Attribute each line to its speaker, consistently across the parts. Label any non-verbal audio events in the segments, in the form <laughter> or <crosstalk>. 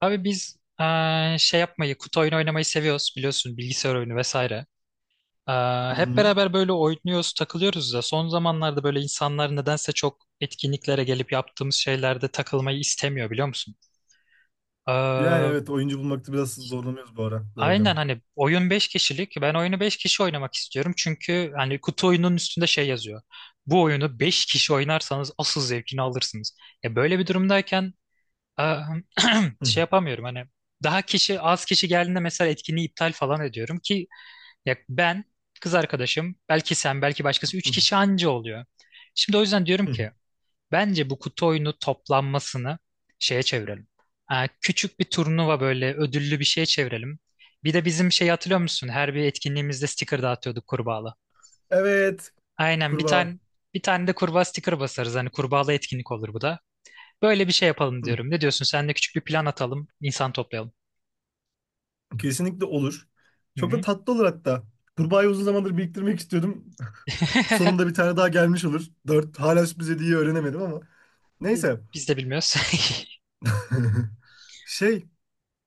Speaker 1: Abi biz şey yapmayı, kutu oyunu oynamayı seviyoruz, biliyorsun, bilgisayar oyunu vesaire. Eee,
Speaker 2: Hı
Speaker 1: hep
Speaker 2: hı.
Speaker 1: beraber böyle oynuyoruz, takılıyoruz da son zamanlarda böyle insanlar nedense çok etkinliklere gelip yaptığımız şeylerde takılmayı istemiyor, biliyor musun?
Speaker 2: Yani
Speaker 1: Eee,
Speaker 2: evet, oyuncu bulmakta biraz zorlanıyoruz bu ara. Doğru
Speaker 1: aynen
Speaker 2: diyorsun.
Speaker 1: hani oyun 5 kişilik, ben oyunu 5 kişi oynamak istiyorum çünkü hani kutu oyunun üstünde şey yazıyor. Bu oyunu 5 kişi oynarsanız asıl zevkini alırsınız. Ya böyle bir durumdayken
Speaker 2: Hı,
Speaker 1: şey yapamıyorum, hani daha kişi az kişi geldiğinde mesela etkinliği iptal falan ediyorum ki ya ben, kız arkadaşım, belki sen, belki başkası, üç
Speaker 2: hı,
Speaker 1: kişi anca oluyor. Şimdi o yüzden diyorum
Speaker 2: hı.
Speaker 1: ki bence bu kutu oyunu toplanmasını şeye çevirelim. Ee, küçük bir turnuva, böyle ödüllü bir şeye çevirelim. Bir de bizim şey, hatırlıyor musun? Her bir etkinliğimizde sticker dağıtıyorduk, kurbağalı.
Speaker 2: Evet.
Speaker 1: Aynen. bir
Speaker 2: Kurbağa.
Speaker 1: tane bir tane de kurbağa sticker basarız. Hani kurbağalı etkinlik olur bu da. Böyle bir şey yapalım
Speaker 2: Hı.
Speaker 1: diyorum. Ne diyorsun? Sen de küçük bir plan atalım, insan toplayalım.
Speaker 2: Kesinlikle olur.
Speaker 1: Hı
Speaker 2: Çok da
Speaker 1: hı.
Speaker 2: tatlı olur hatta. Kurbağayı uzun zamandır biriktirmek istiyordum. <laughs> Sonunda bir
Speaker 1: <laughs>
Speaker 2: tane daha gelmiş olur. Dört. Hala sürpriz hediyeyi öğrenemedim ama. Neyse.
Speaker 1: Biz de bilmiyoruz.
Speaker 2: <laughs> Şey.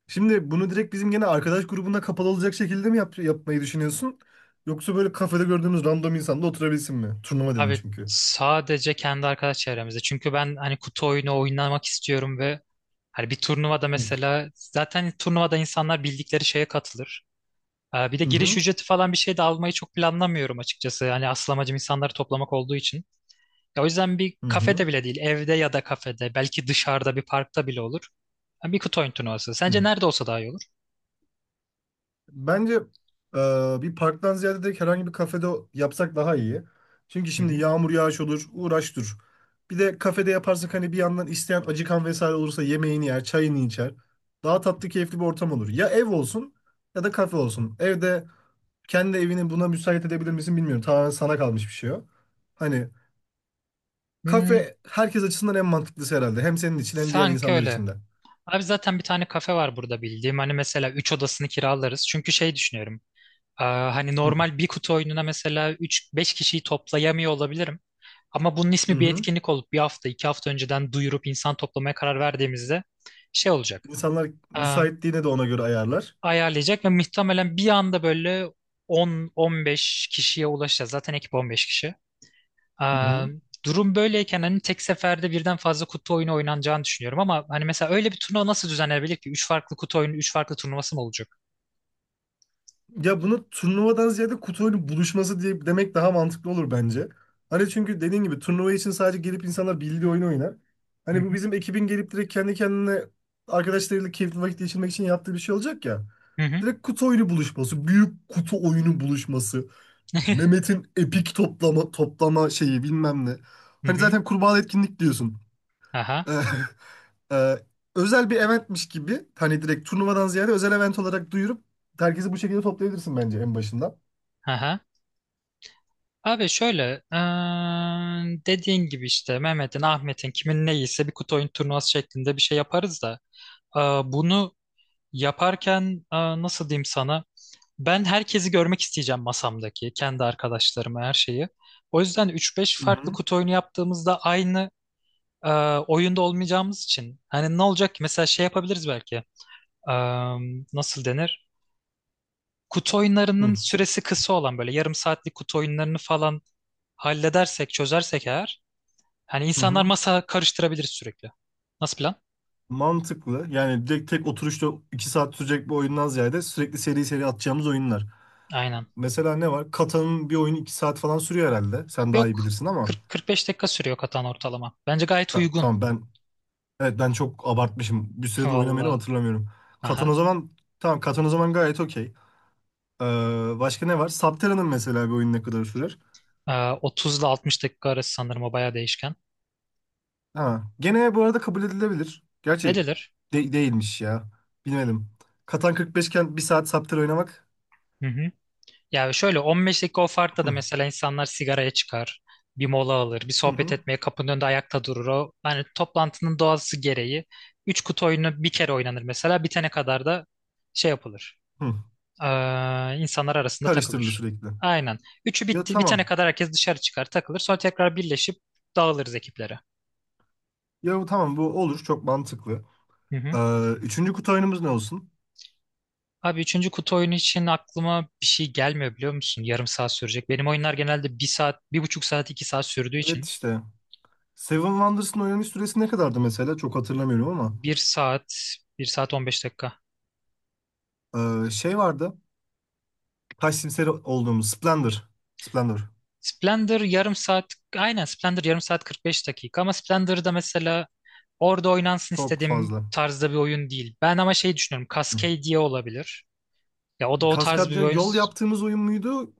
Speaker 2: Şimdi bunu direkt bizim gene arkadaş grubunda kapalı olacak şekilde mi yapmayı düşünüyorsun? Yoksa böyle kafede gördüğümüz random insanla oturabilsin mi? Turnuva
Speaker 1: <laughs>
Speaker 2: dedin
Speaker 1: Abi
Speaker 2: çünkü.
Speaker 1: sadece kendi arkadaş çevremizde. Çünkü ben hani kutu oyunu oynamak istiyorum ve hani bir turnuvada,
Speaker 2: Hı
Speaker 1: mesela zaten turnuvada insanlar bildikleri şeye katılır. Bir de giriş
Speaker 2: hı.
Speaker 1: ücreti falan bir şey de almayı çok planlamıyorum açıkçası. Hani asıl amacım insanları toplamak olduğu için. Ya o yüzden bir
Speaker 2: Hı hı.
Speaker 1: kafede bile değil, evde ya da kafede, belki dışarıda bir parkta bile olur. Ha, Bir kutu oyun turnuvası.
Speaker 2: Hı.
Speaker 1: Sence nerede olsa daha iyi olur?
Speaker 2: Bence e, bir parktan ziyade direkt herhangi bir kafede yapsak daha iyi. Çünkü
Speaker 1: Hı
Speaker 2: şimdi
Speaker 1: hı.
Speaker 2: yağmur yağış olur, uğraş dur. Bir de kafede yaparsak hani bir yandan isteyen acıkan vesaire olursa yemeğini yer, çayını içer. Daha tatlı, keyifli bir ortam olur. Ya ev olsun ya da kafe olsun. Evde kendi evini buna müsait edebilir misin bilmiyorum. Tamamen sana kalmış bir şey o. Hani
Speaker 1: Hmm,
Speaker 2: kafe herkes açısından en mantıklısı herhalde. Hem senin için hem diğer
Speaker 1: sanki
Speaker 2: insanlar
Speaker 1: öyle.
Speaker 2: için de.
Speaker 1: Abi zaten bir tane kafe var burada bildiğim. Hani mesela 3 odasını kiralarız. Çünkü şey düşünüyorum. Hani
Speaker 2: Hı
Speaker 1: normal bir kutu oyununa mesela üç beş kişiyi toplayamıyor olabilirim. Ama bunun
Speaker 2: hı.
Speaker 1: ismi bir
Speaker 2: Hı.
Speaker 1: etkinlik olup bir hafta, iki hafta önceden duyurup insan toplamaya karar verdiğimizde şey olacak.
Speaker 2: İnsanlar
Speaker 1: Aa,
Speaker 2: müsaitliğine de ona göre ayarlar.
Speaker 1: ayarlayacak ve muhtemelen bir anda böyle 10-15 kişiye ulaşacağız. Zaten ekip 15 kişi.
Speaker 2: Hı
Speaker 1: Aa,
Speaker 2: hı.
Speaker 1: durum böyleyken hani tek seferde birden fazla kutu oyunu oynanacağını düşünüyorum ama hani mesela öyle bir turnuva nasıl düzenlenebilir ki? Üç farklı kutu oyunu, üç farklı turnuvası mı olacak?
Speaker 2: Ya bunu turnuvadan ziyade kutu oyunu buluşması diye demek daha mantıklı olur bence. Hani çünkü dediğin gibi turnuva için sadece gelip insanlar bildiği oyunu oynar.
Speaker 1: Hı
Speaker 2: Hani bu
Speaker 1: hı,
Speaker 2: bizim ekibin gelip direkt kendi kendine arkadaşlarıyla keyifli vakit geçirmek için yaptığı bir şey olacak ya.
Speaker 1: hı hı,
Speaker 2: Direkt kutu oyunu buluşması, büyük kutu oyunu buluşması, Mehmet'in epik toplama toplama şeyi bilmem ne.
Speaker 1: hı
Speaker 2: Hani
Speaker 1: hı.
Speaker 2: zaten kurbağa etkinlik diyorsun.
Speaker 1: Aha,
Speaker 2: <laughs> e, özel bir eventmiş gibi hani direkt turnuvadan ziyade özel event olarak duyurup herkesi bu şekilde toplayabilirsin bence en başından.
Speaker 1: aha. Abi şöyle, dediğin gibi işte Mehmet'in, Ahmet'in, kimin ne iyiyse bir kutu oyun turnuvası şeklinde bir şey yaparız da bunu yaparken nasıl diyeyim sana? Ben herkesi görmek isteyeceğim masamdaki, kendi arkadaşlarımı, her şeyi. O yüzden üç beş
Speaker 2: Hı
Speaker 1: farklı
Speaker 2: hı.
Speaker 1: kutu oyunu yaptığımızda aynı e, oyunda olmayacağımız için. Hani ne olacak ki? Mesela şey yapabiliriz belki. E, nasıl denir? Kutu
Speaker 2: Hı
Speaker 1: oyunlarının süresi kısa olan böyle yarım saatlik kutu oyunlarını falan halledersek, çözersek eğer. Hani
Speaker 2: hı.
Speaker 1: insanlar
Speaker 2: Hı.
Speaker 1: masa karıştırabiliriz sürekli. Nasıl plan?
Speaker 2: Mantıklı. Yani direkt tek oturuşta 2 saat sürecek bir oyundan ziyade sürekli seri seri atacağımız oyunlar.
Speaker 1: Aynen.
Speaker 2: Mesela ne var? Katan'ın bir oyunu 2 saat falan sürüyor herhalde. Sen daha iyi
Speaker 1: Yok.
Speaker 2: bilirsin ama
Speaker 1: 40-45 dakika sürüyor katan ortalama. Bence gayet
Speaker 2: ben,
Speaker 1: uygun.
Speaker 2: tamam, ben, evet, ben çok abartmışım. Bir
Speaker 1: <laughs>
Speaker 2: süredir oynamayanı
Speaker 1: Valla.
Speaker 2: hatırlamıyorum. Katan
Speaker 1: Aha.
Speaker 2: o zaman. Tamam, Katan o zaman gayet okey. Ee, başka ne var? Subterra'nın mesela bir oyun ne kadar sürer?
Speaker 1: E, 30 ile 60 dakika arası sanırım, o bayağı değişken.
Speaker 2: Ha, gene bu arada kabul edilebilir. Gerçi
Speaker 1: Edilir.
Speaker 2: değilmiş ya. Bilmedim. Katan 45 iken bir saat Subterra oynamak.
Speaker 1: Hı hı. Ya şöyle 15 dakika o farkla da
Speaker 2: Hı,
Speaker 1: mesela insanlar sigaraya çıkar, bir mola alır, bir
Speaker 2: hı,
Speaker 1: sohbet
Speaker 2: hı,
Speaker 1: etmeye kapının önünde ayakta durur. O hani toplantının doğası gereği 3 kutu oyunu bir kere oynanır mesela, bitene kadar da şey yapılır.
Speaker 2: hı.
Speaker 1: Ee, insanlar arasında
Speaker 2: Karıştırılır
Speaker 1: takılır.
Speaker 2: sürekli.
Speaker 1: Aynen. Üçü
Speaker 2: Ya
Speaker 1: bitti, bitene
Speaker 2: tamam.
Speaker 1: kadar herkes dışarı çıkar, takılır. Sonra tekrar birleşip dağılırız ekiplere.
Speaker 2: Ya tamam, bu olur, çok mantıklı.
Speaker 1: Hı hı.
Speaker 2: Üçüncü kutu oyunumuz ne olsun?
Speaker 1: Abi üçüncü kutu oyunu için aklıma bir şey gelmiyor, biliyor musun? Yarım saat sürecek. Benim oyunlar genelde bir saat, bir buçuk saat, iki saat sürdüğü
Speaker 2: Evet
Speaker 1: için.
Speaker 2: işte. Seven Wonders'ın oynanış süresi ne kadardı mesela? Çok hatırlamıyorum ama.
Speaker 1: Bir saat, bir saat 15 dakika.
Speaker 2: Şey vardı. Taş simseri olduğumuz Splendor. Splendor.
Speaker 1: Splendor yarım saat, aynen Splendor yarım saat 45 dakika, ama Splendor'da mesela orada oynansın
Speaker 2: Çok
Speaker 1: istediğim
Speaker 2: fazla.
Speaker 1: tarzda bir oyun değil. Ben ama şey düşünüyorum,
Speaker 2: Hı.
Speaker 1: Cascadia olabilir. Ya o da o tarz bir
Speaker 2: Kaskadya
Speaker 1: oyun.
Speaker 2: yol yaptığımız oyun muydu?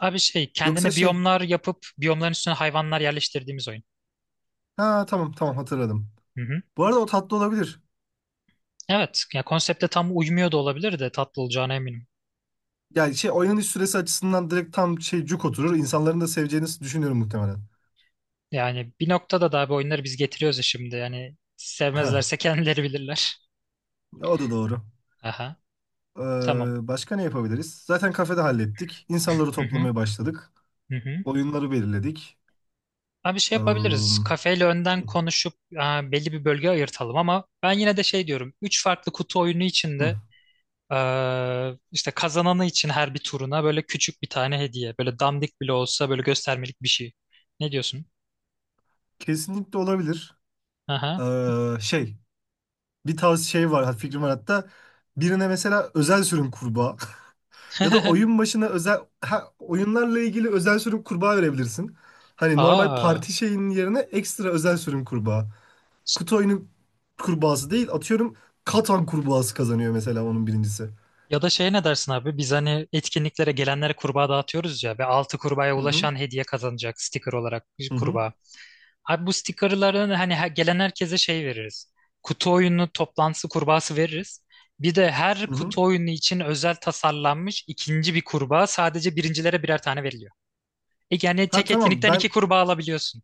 Speaker 1: Abi şey,
Speaker 2: Yoksa
Speaker 1: kendine
Speaker 2: şey.
Speaker 1: biyomlar yapıp biyomların üstüne hayvanlar yerleştirdiğimiz oyun.
Speaker 2: Ha tamam, tamam, hatırladım.
Speaker 1: Hı hı.
Speaker 2: Bu arada o tatlı olabilir.
Speaker 1: Evet, ya konsepte tam uymuyor da olabilir de tatlı olacağına eminim.
Speaker 2: Yani şey oynanış süresi açısından direkt tam şey cuk oturur. İnsanların da seveceğini düşünüyorum muhtemelen.
Speaker 1: Yani bir noktada da abi oyunları biz getiriyoruz ya şimdi. Yani
Speaker 2: Ha,
Speaker 1: sevmezlerse kendileri bilirler.
Speaker 2: o da doğru.
Speaker 1: Aha, tamam.
Speaker 2: Başka ne yapabiliriz? Zaten kafede hallettik. İnsanları
Speaker 1: Hı hı,
Speaker 2: toplamaya başladık.
Speaker 1: hı hı.
Speaker 2: Oyunları belirledik.
Speaker 1: Abi şey yapabiliriz.
Speaker 2: Hı,
Speaker 1: Kafeyle önden konuşup, e, belli bir bölge ayırtalım, ama ben yine de şey diyorum. Üç farklı kutu oyunu
Speaker 2: hı.
Speaker 1: içinde, e, işte kazananı için her bir turuna böyle küçük bir tane hediye. Böyle dandik bile olsa böyle göstermelik bir şey. Ne diyorsun?
Speaker 2: Kesinlikle olabilir.
Speaker 1: Aha.
Speaker 2: Şey. Bir tavsiye şey var, fikrim var hatta. Birine mesela özel sürüm kurbağa. <laughs> Ya da
Speaker 1: <laughs>
Speaker 2: oyun başına özel, oyunlarla ilgili özel sürüm kurbağa verebilirsin. Hani normal
Speaker 1: Aa.
Speaker 2: parti şeyinin yerine ekstra özel sürüm kurbağa. Kutu oyunu kurbağası değil, atıyorum, Katan kurbağası kazanıyor mesela onun birincisi.
Speaker 1: Ya da şey, ne dersin abi? Biz hani etkinliklere gelenlere kurbağa dağıtıyoruz ya, ve altı kurbağaya
Speaker 2: Hı hı,
Speaker 1: ulaşan hediye kazanacak sticker olarak bir
Speaker 2: hı hı.
Speaker 1: kurbağa. Abi bu stickerlarını hani gelen herkese şey veririz. Kutu oyunu toplantısı kurbağası veririz. Bir de her
Speaker 2: Hı hı.
Speaker 1: kutu oyunu için özel tasarlanmış ikinci bir kurbağa sadece birincilere birer tane veriliyor. E, yani
Speaker 2: Ha
Speaker 1: tek
Speaker 2: tamam,
Speaker 1: etkinlikten
Speaker 2: ben,
Speaker 1: iki kurbağa alabiliyorsun.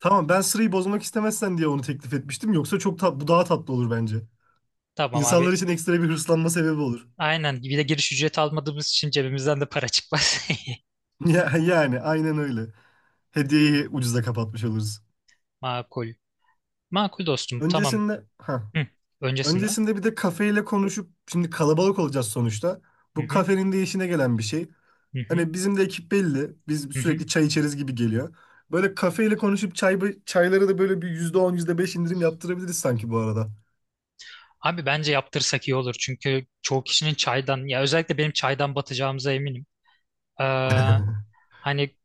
Speaker 2: tamam, ben sırayı bozmak istemezsen diye onu teklif etmiştim. Yoksa bu daha tatlı olur bence.
Speaker 1: Tamam
Speaker 2: İnsanlar
Speaker 1: abi.
Speaker 2: için ekstra bir hırslanma sebebi olur.
Speaker 1: Aynen. Bir de giriş ücreti almadığımız için cebimizden de para çıkmaz. <laughs>
Speaker 2: <laughs> Ya, yani aynen öyle.
Speaker 1: Hmm,
Speaker 2: Hediyeyi ucuza kapatmış oluruz.
Speaker 1: Makul. Makul dostum. Tamam.
Speaker 2: Öncesinde ha
Speaker 1: Hı. Öncesinde.
Speaker 2: öncesinde bir de kafeyle konuşup şimdi kalabalık olacağız sonuçta.
Speaker 1: Hı
Speaker 2: Bu
Speaker 1: hı.
Speaker 2: kafenin de işine gelen bir şey.
Speaker 1: Hı hı.
Speaker 2: Hani bizim de ekip belli. Biz
Speaker 1: Hı hı.
Speaker 2: sürekli çay içeriz gibi geliyor. Böyle kafeyle konuşup çayları da böyle bir %10, yüzde beş indirim yaptırabiliriz sanki bu arada.
Speaker 1: Abi bence yaptırsak iyi olur. Çünkü çoğu kişinin çaydan, ya özellikle benim çaydan batacağımıza eminim. Ee,
Speaker 2: <laughs>
Speaker 1: hani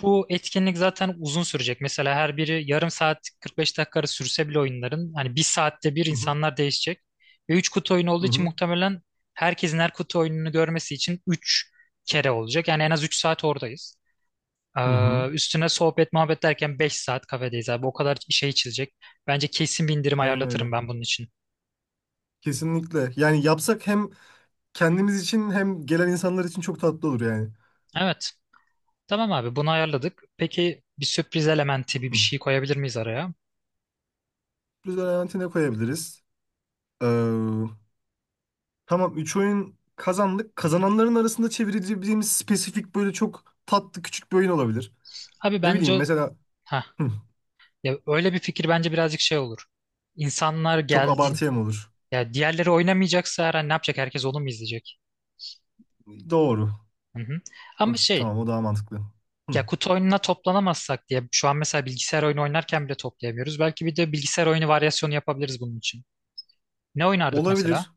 Speaker 1: bu etkinlik zaten uzun sürecek. Mesela her biri yarım saat 45 dakika arası sürse bile oyunların hani bir saatte bir
Speaker 2: Hı hı,
Speaker 1: insanlar değişecek. Ve 3 kutu oyunu olduğu
Speaker 2: hı
Speaker 1: için
Speaker 2: hı,
Speaker 1: muhtemelen herkesin her kutu oyununu görmesi için 3 kere olacak. Yani en az 3 saat oradayız.
Speaker 2: hı hı.
Speaker 1: Üstüne sohbet muhabbet derken 5 saat kafedeyiz abi. O kadar şey çizilecek. Bence kesin bir indirim
Speaker 2: Aynen öyle.
Speaker 1: ayarlatırım ben bunun için.
Speaker 2: Kesinlikle. Yani yapsak hem kendimiz için hem gelen insanlar için çok tatlı olur yani.
Speaker 1: Evet. Tamam abi bunu ayarladık. Peki bir sürpriz elementi, bir
Speaker 2: Hı.
Speaker 1: bir şey koyabilir miyiz araya?
Speaker 2: Biz de Valentin'e koyabiliriz. Ee, Tamam, 3 oyun kazandık. Kazananların arasında çevirebileceğimiz spesifik böyle çok tatlı küçük bir oyun olabilir.
Speaker 1: Abi
Speaker 2: Ne
Speaker 1: bence
Speaker 2: bileyim
Speaker 1: o...
Speaker 2: mesela
Speaker 1: Heh.
Speaker 2: hı,
Speaker 1: Ya öyle bir fikir bence birazcık şey olur. İnsanlar
Speaker 2: çok
Speaker 1: geldin
Speaker 2: abartıya mı olur?
Speaker 1: ya, diğerleri oynamayacaksa her an ne yapacak? Herkes onu mu izleyecek?
Speaker 2: Doğru.
Speaker 1: Hı hı.
Speaker 2: O,
Speaker 1: Ama şey,
Speaker 2: tamam, o daha mantıklı. Hı.
Speaker 1: ya kutu oyununa toplanamazsak diye şu an mesela bilgisayar oyunu oynarken bile toplayamıyoruz. Belki bir de bilgisayar oyunu varyasyonu yapabiliriz bunun için. Ne oynardık mesela?
Speaker 2: Olabilir.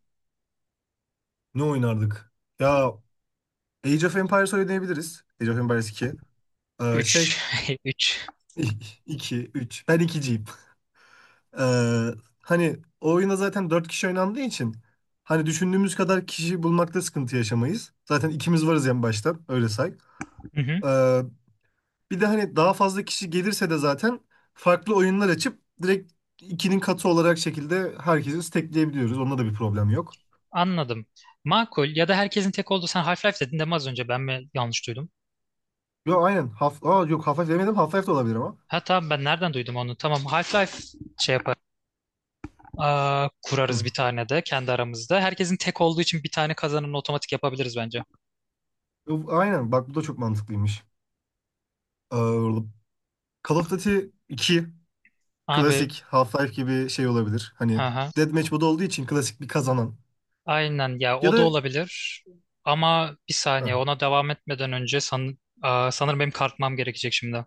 Speaker 2: Ne oynardık? Ya Age of Empires oynayabiliriz. Age of Empires iki. Şey.
Speaker 1: Üç <laughs> üç.
Speaker 2: <laughs> 2 3. Ben 2'ciyim. <laughs> Ee, hani o oyunda zaten 4 kişi oynandığı için hani düşündüğümüz kadar kişi bulmakta sıkıntı yaşamayız. Zaten ikimiz varız en başta. Öyle say.
Speaker 1: Hı hı.
Speaker 2: Ee, Bir de hani daha fazla kişi gelirse de zaten farklı oyunlar açıp direkt ikinin katı olarak şekilde herkesi stackleyebiliyoruz. Onda da bir problem yok.
Speaker 1: Anladım. Makul, ya da herkesin tek olduğu sen Half-Life dedin değil mi az önce, ben mi yanlış duydum?
Speaker 2: Yo aynen. Yok, Half-Life demedim. Half-Life de olabilir ama.
Speaker 1: Ha tamam, ben nereden duydum onu? Tamam, Half-Life şey yapar. Aa,
Speaker 2: Hı.
Speaker 1: kurarız bir tane de kendi aramızda. Herkesin tek olduğu için bir tane kazanını otomatik yapabiliriz bence.
Speaker 2: Yo, aynen. Bak bu da çok mantıklıymış. Ee, Call of Duty 2
Speaker 1: Abi,
Speaker 2: klasik Half-Life gibi şey olabilir.
Speaker 1: hı
Speaker 2: Hani
Speaker 1: hı.
Speaker 2: Deathmatch modu olduğu için klasik bir kazanan.
Speaker 1: Aynen ya,
Speaker 2: Ya
Speaker 1: o da
Speaker 2: da
Speaker 1: olabilir. Ama bir
Speaker 2: ha,
Speaker 1: saniye ona devam etmeden önce sanırım benim kalkmam gerekecek şimdi.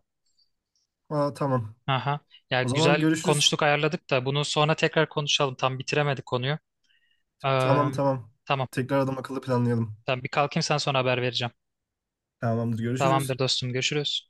Speaker 2: tamam.
Speaker 1: Aha. Ya
Speaker 2: O zaman
Speaker 1: güzel
Speaker 2: görüşürüz.
Speaker 1: konuştuk ayarladık da bunu sonra tekrar konuşalım. Tam bitiremedik konuyu. Ee,
Speaker 2: Tamam, tamam.
Speaker 1: tamam.
Speaker 2: Tekrar adam akıllı planlayalım.
Speaker 1: Tamam bir kalkayım sen sonra haber vereceğim.
Speaker 2: Tamamdır, görüşürüz.
Speaker 1: Tamamdır dostum görüşürüz.